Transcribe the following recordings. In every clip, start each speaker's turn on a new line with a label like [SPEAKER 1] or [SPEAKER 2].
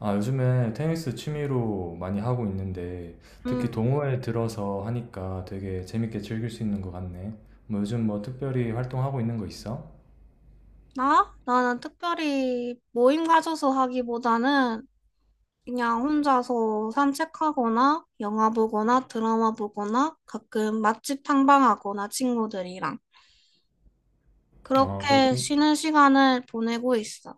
[SPEAKER 1] 아, 요즘에 테니스 취미로 많이 하고 있는데, 특히
[SPEAKER 2] 음,
[SPEAKER 1] 동호회 들어서 하니까 되게 재밌게 즐길 수 있는 것 같네. 뭐 요즘 뭐 특별히 활동하고 있는 거 있어?
[SPEAKER 2] 나? 나는 특별히 모임 가져서 하기보다는 그냥 혼자서 산책하거나 영화 보거나 드라마 보거나 가끔 맛집 탐방하거나 친구들이랑
[SPEAKER 1] 아,
[SPEAKER 2] 그렇게 쉬는 시간을 보내고 있어.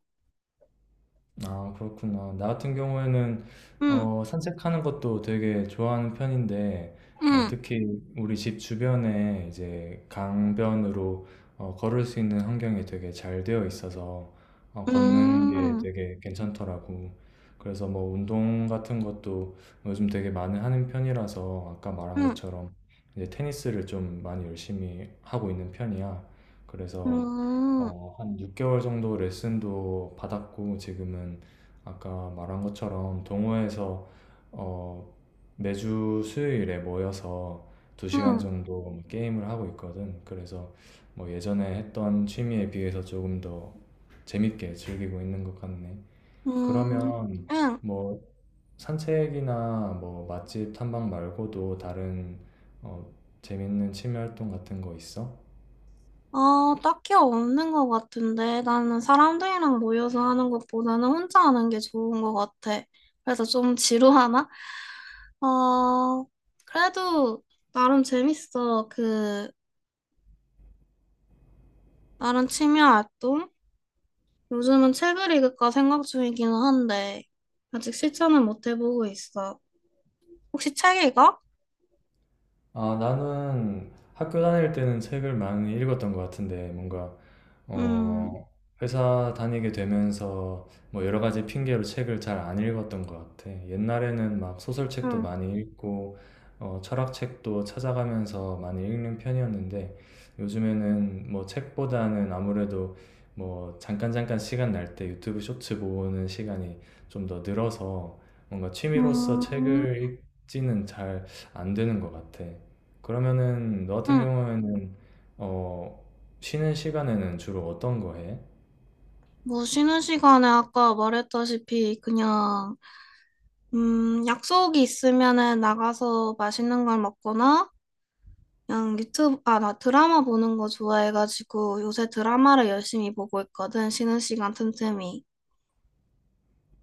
[SPEAKER 1] 그렇구나. 나 같은 경우에는
[SPEAKER 2] 응.
[SPEAKER 1] 산책하는 것도 되게 좋아하는 편인데
[SPEAKER 2] 응.
[SPEAKER 1] 특히 우리 집 주변에 이제 강변으로 걸을 수 있는 환경이 되게 잘 되어 있어서
[SPEAKER 2] 응.
[SPEAKER 1] 걷는 게
[SPEAKER 2] 응.
[SPEAKER 1] 되게 괜찮더라고. 그래서 뭐 운동 같은 것도 요즘 되게 많이 하는 편이라서 아까 말한 것처럼 이제 테니스를 좀 많이 열심히 하고 있는 편이야. 그래서
[SPEAKER 2] 응.
[SPEAKER 1] 한 6개월 정도 레슨도 받았고, 지금은 아까 말한 것처럼 동호회에서 어, 매주 수요일에 모여서 2시간
[SPEAKER 2] 응.
[SPEAKER 1] 정도 뭐 게임을 하고 있거든. 그래서 뭐 예전에 했던 취미에 비해서 조금 더 재밌게 즐기고 있는 것 같네.
[SPEAKER 2] 응.
[SPEAKER 1] 그러면
[SPEAKER 2] 응.
[SPEAKER 1] 뭐 산책이나 뭐 맛집 탐방 말고도 다른 어, 재밌는 취미 활동 같은 거 있어?
[SPEAKER 2] 아, 딱히 없는 것 같은데. 나는 사람들이랑 모여서 하는 것보다는 혼자 하는 게 좋은 것 같아. 그래서 좀 지루하나? 어, 그래도 나름 재밌어. 그, 나름 취미 활동? 요즘은 책을 읽을까 생각 중이기는 한데, 아직 실천은 못 해보고 있어. 혹시 책 읽어?
[SPEAKER 1] 아, 나는 학교 다닐 때는 책을 많이 읽었던 것 같은데, 뭔가
[SPEAKER 2] 음.
[SPEAKER 1] 어, 회사 다니게 되면서 뭐 여러 가지 핑계로 책을 잘 안 읽었던 것 같아. 옛날에는 막 소설책도
[SPEAKER 2] 응.
[SPEAKER 1] 많이 읽고, 철학책도 찾아가면서 많이 읽는 편이었는데, 요즘에는 뭐 책보다는 아무래도 뭐 잠깐 잠깐 시간 날 때 유튜브 쇼츠 보는 시간이 좀 더 늘어서 뭔가 취미로서
[SPEAKER 2] 음.
[SPEAKER 1] 책을 읽지는 잘 안 되는 것 같아. 그러면은 너 같은
[SPEAKER 2] 응.
[SPEAKER 1] 경우에는 어, 쉬는 시간에는 주로 어떤 거 해?
[SPEAKER 2] 뭐 쉬는 시간에 아까 말했다시피 그냥 약속이 있으면은 나가서 맛있는 걸 먹거나, 그냥 유튜브, 아, 나 드라마 보는 거 좋아해가지고 요새 드라마를 열심히 보고 있거든, 쉬는 시간 틈틈이.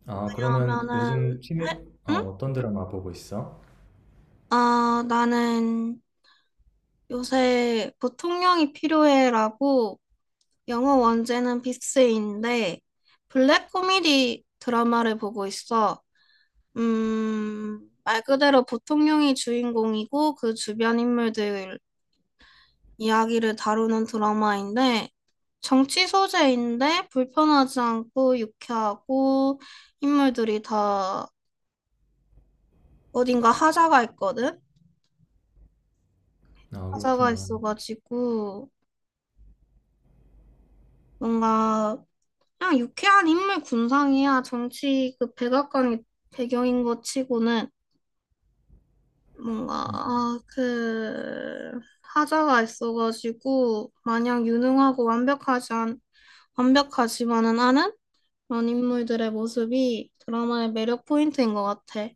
[SPEAKER 1] 아, 그러면
[SPEAKER 2] 왜냐하면은,
[SPEAKER 1] 아,
[SPEAKER 2] 응?
[SPEAKER 1] 어떤 드라마 보고 있어?
[SPEAKER 2] 아, 나는 요새 보통령이 필요해라고 영어 원제는 빅스인데, 블랙 코미디 드라마를 보고 있어. 말 그대로 보통령이 주인공이고 그 주변 인물들 이야기를 다루는 드라마인데 정치 소재인데 불편하지 않고 유쾌하고 인물들이 다 어딘가 하자가 있거든?
[SPEAKER 1] 아,
[SPEAKER 2] 하자가
[SPEAKER 1] 그렇구나.
[SPEAKER 2] 있어가지고 뭔가 그냥 유쾌한 인물 군상이야. 정치 그 백악관이 배경인 것 치고는 뭔가
[SPEAKER 1] 음,
[SPEAKER 2] 하자가 있어가지고 마냥 유능하고 완벽하지만은 않은 그런 인물들의 모습이 드라마의 매력 포인트인 것 같아.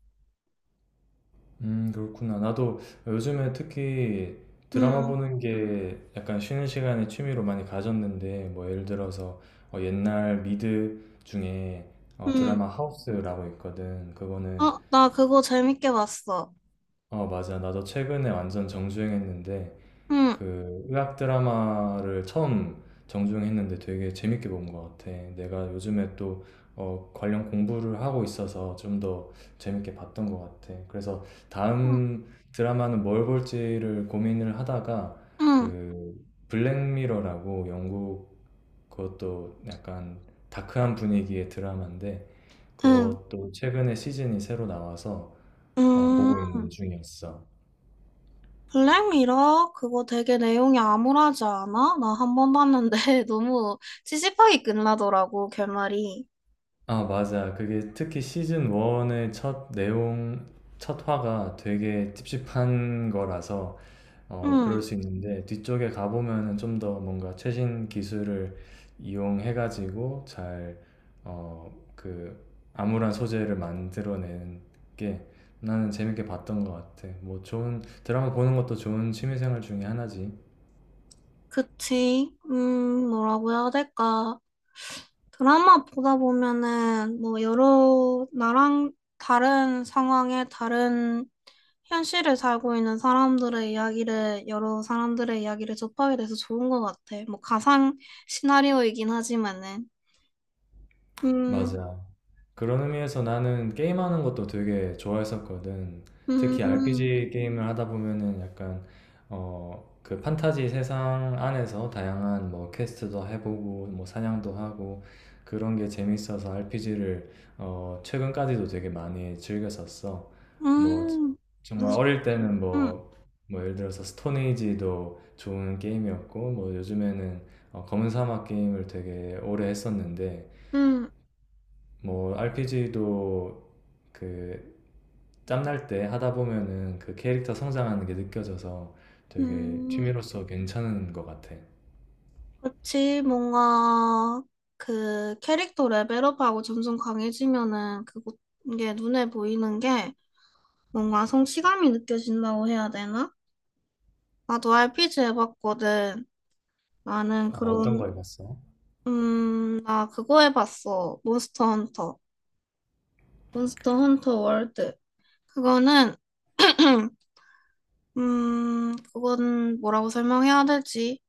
[SPEAKER 1] 그렇구나. 나도 요즘에 특히 드라마
[SPEAKER 2] 음.
[SPEAKER 1] 보는 게 약간 쉬는 시간에 취미로 많이 가졌는데, 뭐 예를 들어서 옛날 미드 중에
[SPEAKER 2] 음.
[SPEAKER 1] 드라마 하우스라고 있거든. 그거는,
[SPEAKER 2] 어, 나 그거 재밌게 봤어.
[SPEAKER 1] 맞아. 나도 최근에 완전 정주행했는데,
[SPEAKER 2] 음.
[SPEAKER 1] 그 의학 드라마를 처음 정주행했는데 되게 재밌게 본 것 같아. 내가 요즘에 또 관련 공부를 하고 있어서 좀 더 재밌게 봤던 것 같아. 그래서
[SPEAKER 2] 음.
[SPEAKER 1] 다음 드라마는 뭘 볼지를 고민을 하다가
[SPEAKER 2] 음.
[SPEAKER 1] 그 블랙미러라고 영국 그것도 약간 다크한 분위기의 드라마인데
[SPEAKER 2] 음.
[SPEAKER 1] 그것도 최근에 시즌이 새로 나와서
[SPEAKER 2] 음,
[SPEAKER 1] 보고 있는 중이었어.
[SPEAKER 2] 블랙미러? 그거 되게 내용이 암울하지 않아? 나 한 번 봤는데 너무 찝찝하게 끝나더라고, 결말이.
[SPEAKER 1] 아, 맞아. 그게 특히 시즌 1의 첫 내용, 첫 화가 되게 찝찝한 거라서, 그럴
[SPEAKER 2] 음,
[SPEAKER 1] 수 있는데, 뒤쪽에 가보면은 좀 더 뭔가 최신 기술을 이용해가지고 잘, 어, 그, 암울한 소재를 만들어내는 게 나는 재밌게 봤던 것 같아. 뭐, 좋은, 드라마 보는 것도 좋은 취미생활 중에 하나지.
[SPEAKER 2] 그치. 뭐라고 해야 될까. 드라마 보다 보면은 뭐 여러 나랑 다른 상황에 다른 현실을 살고 있는 사람들의 이야기를, 여러 사람들의 이야기를 접하게 돼서 좋은 것 같아. 뭐, 가상 시나리오이긴 하지만은. 음.
[SPEAKER 1] 맞아. 그런 의미에서 나는 게임하는 것도 되게 좋아했었거든. 특히
[SPEAKER 2] 음.
[SPEAKER 1] RPG 게임을 하다 보면은 약간 그 판타지 세상 안에서 다양한 뭐 퀘스트도 해보고 뭐 사냥도 하고 그런 게 재밌어서 RPG를 최근까지도 되게 많이 즐겼었어. 뭐
[SPEAKER 2] 음.
[SPEAKER 1] 정말
[SPEAKER 2] 무슨,
[SPEAKER 1] 어릴 때는
[SPEAKER 2] 음.
[SPEAKER 1] 뭐 예를 들어서 스톤에이지도 좋은 게임이었고 뭐 요즘에는 검은 사막 게임을 되게 오래 했었는데
[SPEAKER 2] 음.
[SPEAKER 1] 뭐 RPG도 그 짬날 때 하다 보면은 그 캐릭터 성장하는 게 느껴져서 되게
[SPEAKER 2] 음.
[SPEAKER 1] 취미로서 괜찮은 것 같아.
[SPEAKER 2] 그렇지. 뭔가, 그, 캐릭터 레벨업하고 점점 강해지면은, 그거, 이게 눈에 보이는 게, 뭔가 성취감이 느껴진다고 해야 되나? 나도 RPG 해봤거든. 나는
[SPEAKER 1] 아, 어떤 거
[SPEAKER 2] 그런
[SPEAKER 1] 해봤어?
[SPEAKER 2] 나 그거 해봤어. 몬스터 헌터. 몬스터 헌터 월드. 그거는, 그건 뭐라고 설명해야 될지.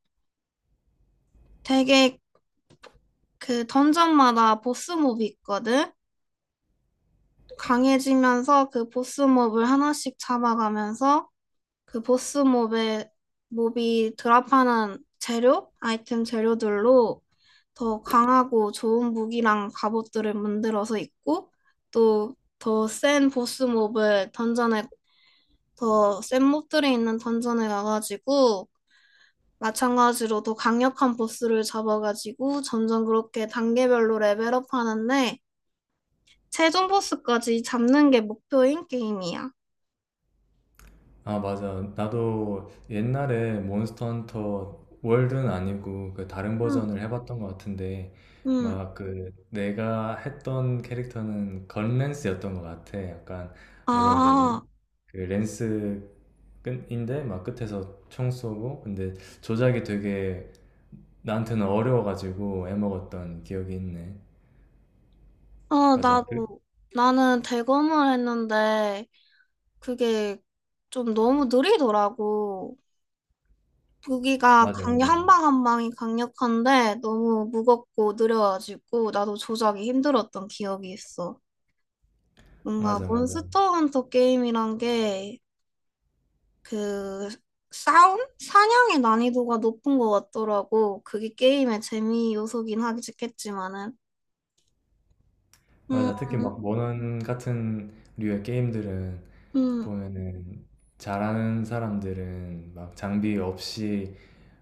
[SPEAKER 2] 되게 그 던전마다 보스몹이 있거든? 강해지면서 그 보스몹을 하나씩 잡아가면서 그 보스 몹의 몹이 드랍하는 재료, 아이템 재료들로 더 강하고 좋은 무기랑 갑옷들을 만들어서 입고 또 더 센 보스 몹을 던전에 더 센 몹들이 있는 던전에 가가지고 마찬가지로 더 강력한 보스를 잡아가지고 점점 그렇게 단계별로 레벨업 하는데 최종 보스까지 잡는 게 목표인 게임이야.
[SPEAKER 1] 아, 맞아. 나도 옛날에 몬스터 헌터 월드는 아니고 그 다른
[SPEAKER 2] 응.
[SPEAKER 1] 버전을 해봤던 것 같은데
[SPEAKER 2] 응. 음.
[SPEAKER 1] 막 그 내가 했던 캐릭터는 건랜스였던 것 같아. 약간 뭐라 해야
[SPEAKER 2] 아.
[SPEAKER 1] 되지? 그 랜스 끝인데 막 끝에서 총 쏘고 근데 조작이 되게 나한테는 어려워가지고 애먹었던 기억이 있네.
[SPEAKER 2] 어,
[SPEAKER 1] 맞아.
[SPEAKER 2] 나는 대검을 했는데, 그게 좀 너무 느리더라고. 무기가
[SPEAKER 1] 맞아 맞아
[SPEAKER 2] 한 방 한 방이 강력한데, 너무 무겁고 느려가지고, 나도 조작이 힘들었던 기억이 있어. 뭔가
[SPEAKER 1] 맞아 맞아
[SPEAKER 2] 몬스터 헌터 게임이란 게, 그, 싸움? 사냥의 난이도가 높은 것 같더라고. 그게 게임의 재미 요소긴 하겠지만은. 음.
[SPEAKER 1] 맞아. 특히 막 모넌 같은 류의 게임들은
[SPEAKER 2] 음.
[SPEAKER 1] 보면은 잘하는 사람들은 막 장비 없이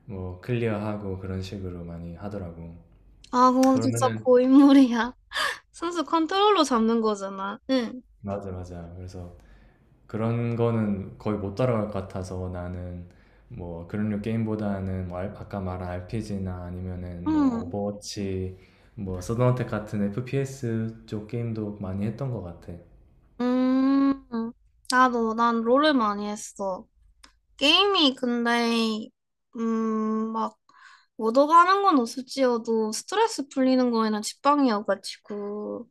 [SPEAKER 1] 뭐 클리어하고 그런 식으로 많이 하더라고.
[SPEAKER 2] 아, 그건 진짜
[SPEAKER 1] 그러면은
[SPEAKER 2] 고인물이야. 선수 컨트롤러 잡는 거잖아. 응.
[SPEAKER 1] 맞아 맞아. 그래서 그런 거는 거의 못 따라갈 것 같아서 나는 뭐 그런 류 게임보다는 뭐 아까 말한 RPG나 아니면은 뭐
[SPEAKER 2] 응.
[SPEAKER 1] 오버워치 뭐 서든어택 같은 FPS 쪽 게임도 많이 했던 것 같아.
[SPEAKER 2] 음. 난 롤을 많이 했어. 게임이 근데, 막, 얻어가는 건 없을지어도 스트레스 풀리는 거에는 직방이어가지고.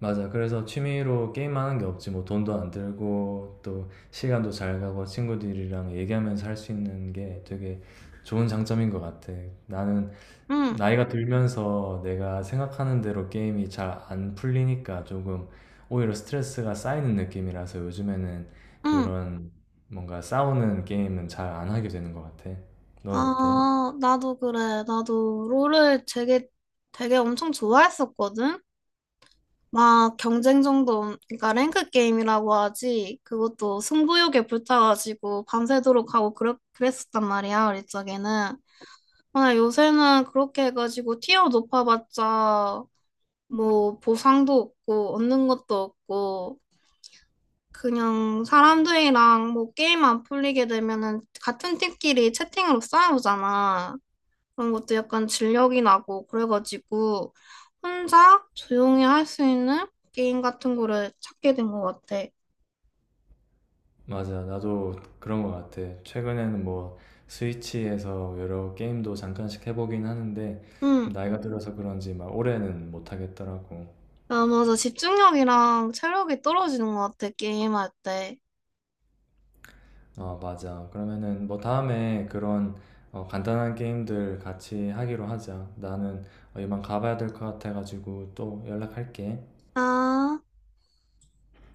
[SPEAKER 1] 맞아. 그래서 취미로 게임하는 게 없지. 뭐 돈도 안 들고 또 시간도 잘 가고 친구들이랑 얘기하면서 할 수 있는 게 되게 좋은 장점인 것 같아. 나는
[SPEAKER 2] 응.
[SPEAKER 1] 나이가 들면서 내가 생각하는 대로 게임이 잘 안 풀리니까 조금 오히려 스트레스가 쌓이는 느낌이라서 요즘에는
[SPEAKER 2] 응.
[SPEAKER 1] 그런 뭔가 싸우는 게임은 잘 안 하게 되는 것 같아. 넌 어때?
[SPEAKER 2] 아, 나도 그래. 나도 롤을 되게, 되게 엄청 좋아했었거든? 막 경쟁 정도, 그러니까 랭크 게임이라고 하지, 그것도 승부욕에 불타가지고 밤새도록 하고 그랬었단 말이야, 우리 쪽에는. 근데 요새는 그렇게 해가지고 티어 높아봤자 뭐 보상도 없고 얻는 것도 없고 그냥 사람들이랑 뭐 게임 안 풀리게 되면은 같은 팀끼리 채팅으로 싸우잖아. 그런 것도 약간 진력이 나고 그래가지고 혼자 조용히 할 수 있는 게임 같은 거를 찾게 된 것 같아.
[SPEAKER 1] 맞아, 나도 그런 것 같아. 최근에는 뭐 스위치에서 여러 게임도 잠깐씩 해보긴 하는데
[SPEAKER 2] 응.
[SPEAKER 1] 나이가 들어서 그런지 막 오래는 못 하겠더라고.
[SPEAKER 2] 아, 맞아. 집중력이랑 체력이 떨어지는 것 같아, 게임할 때.
[SPEAKER 1] 어, 맞아. 그러면은 뭐 다음에 그런 간단한 게임들 같이 하기로 하자. 나는 이만 가봐야 될 것 같아가지고 또 연락할게.
[SPEAKER 2] 아.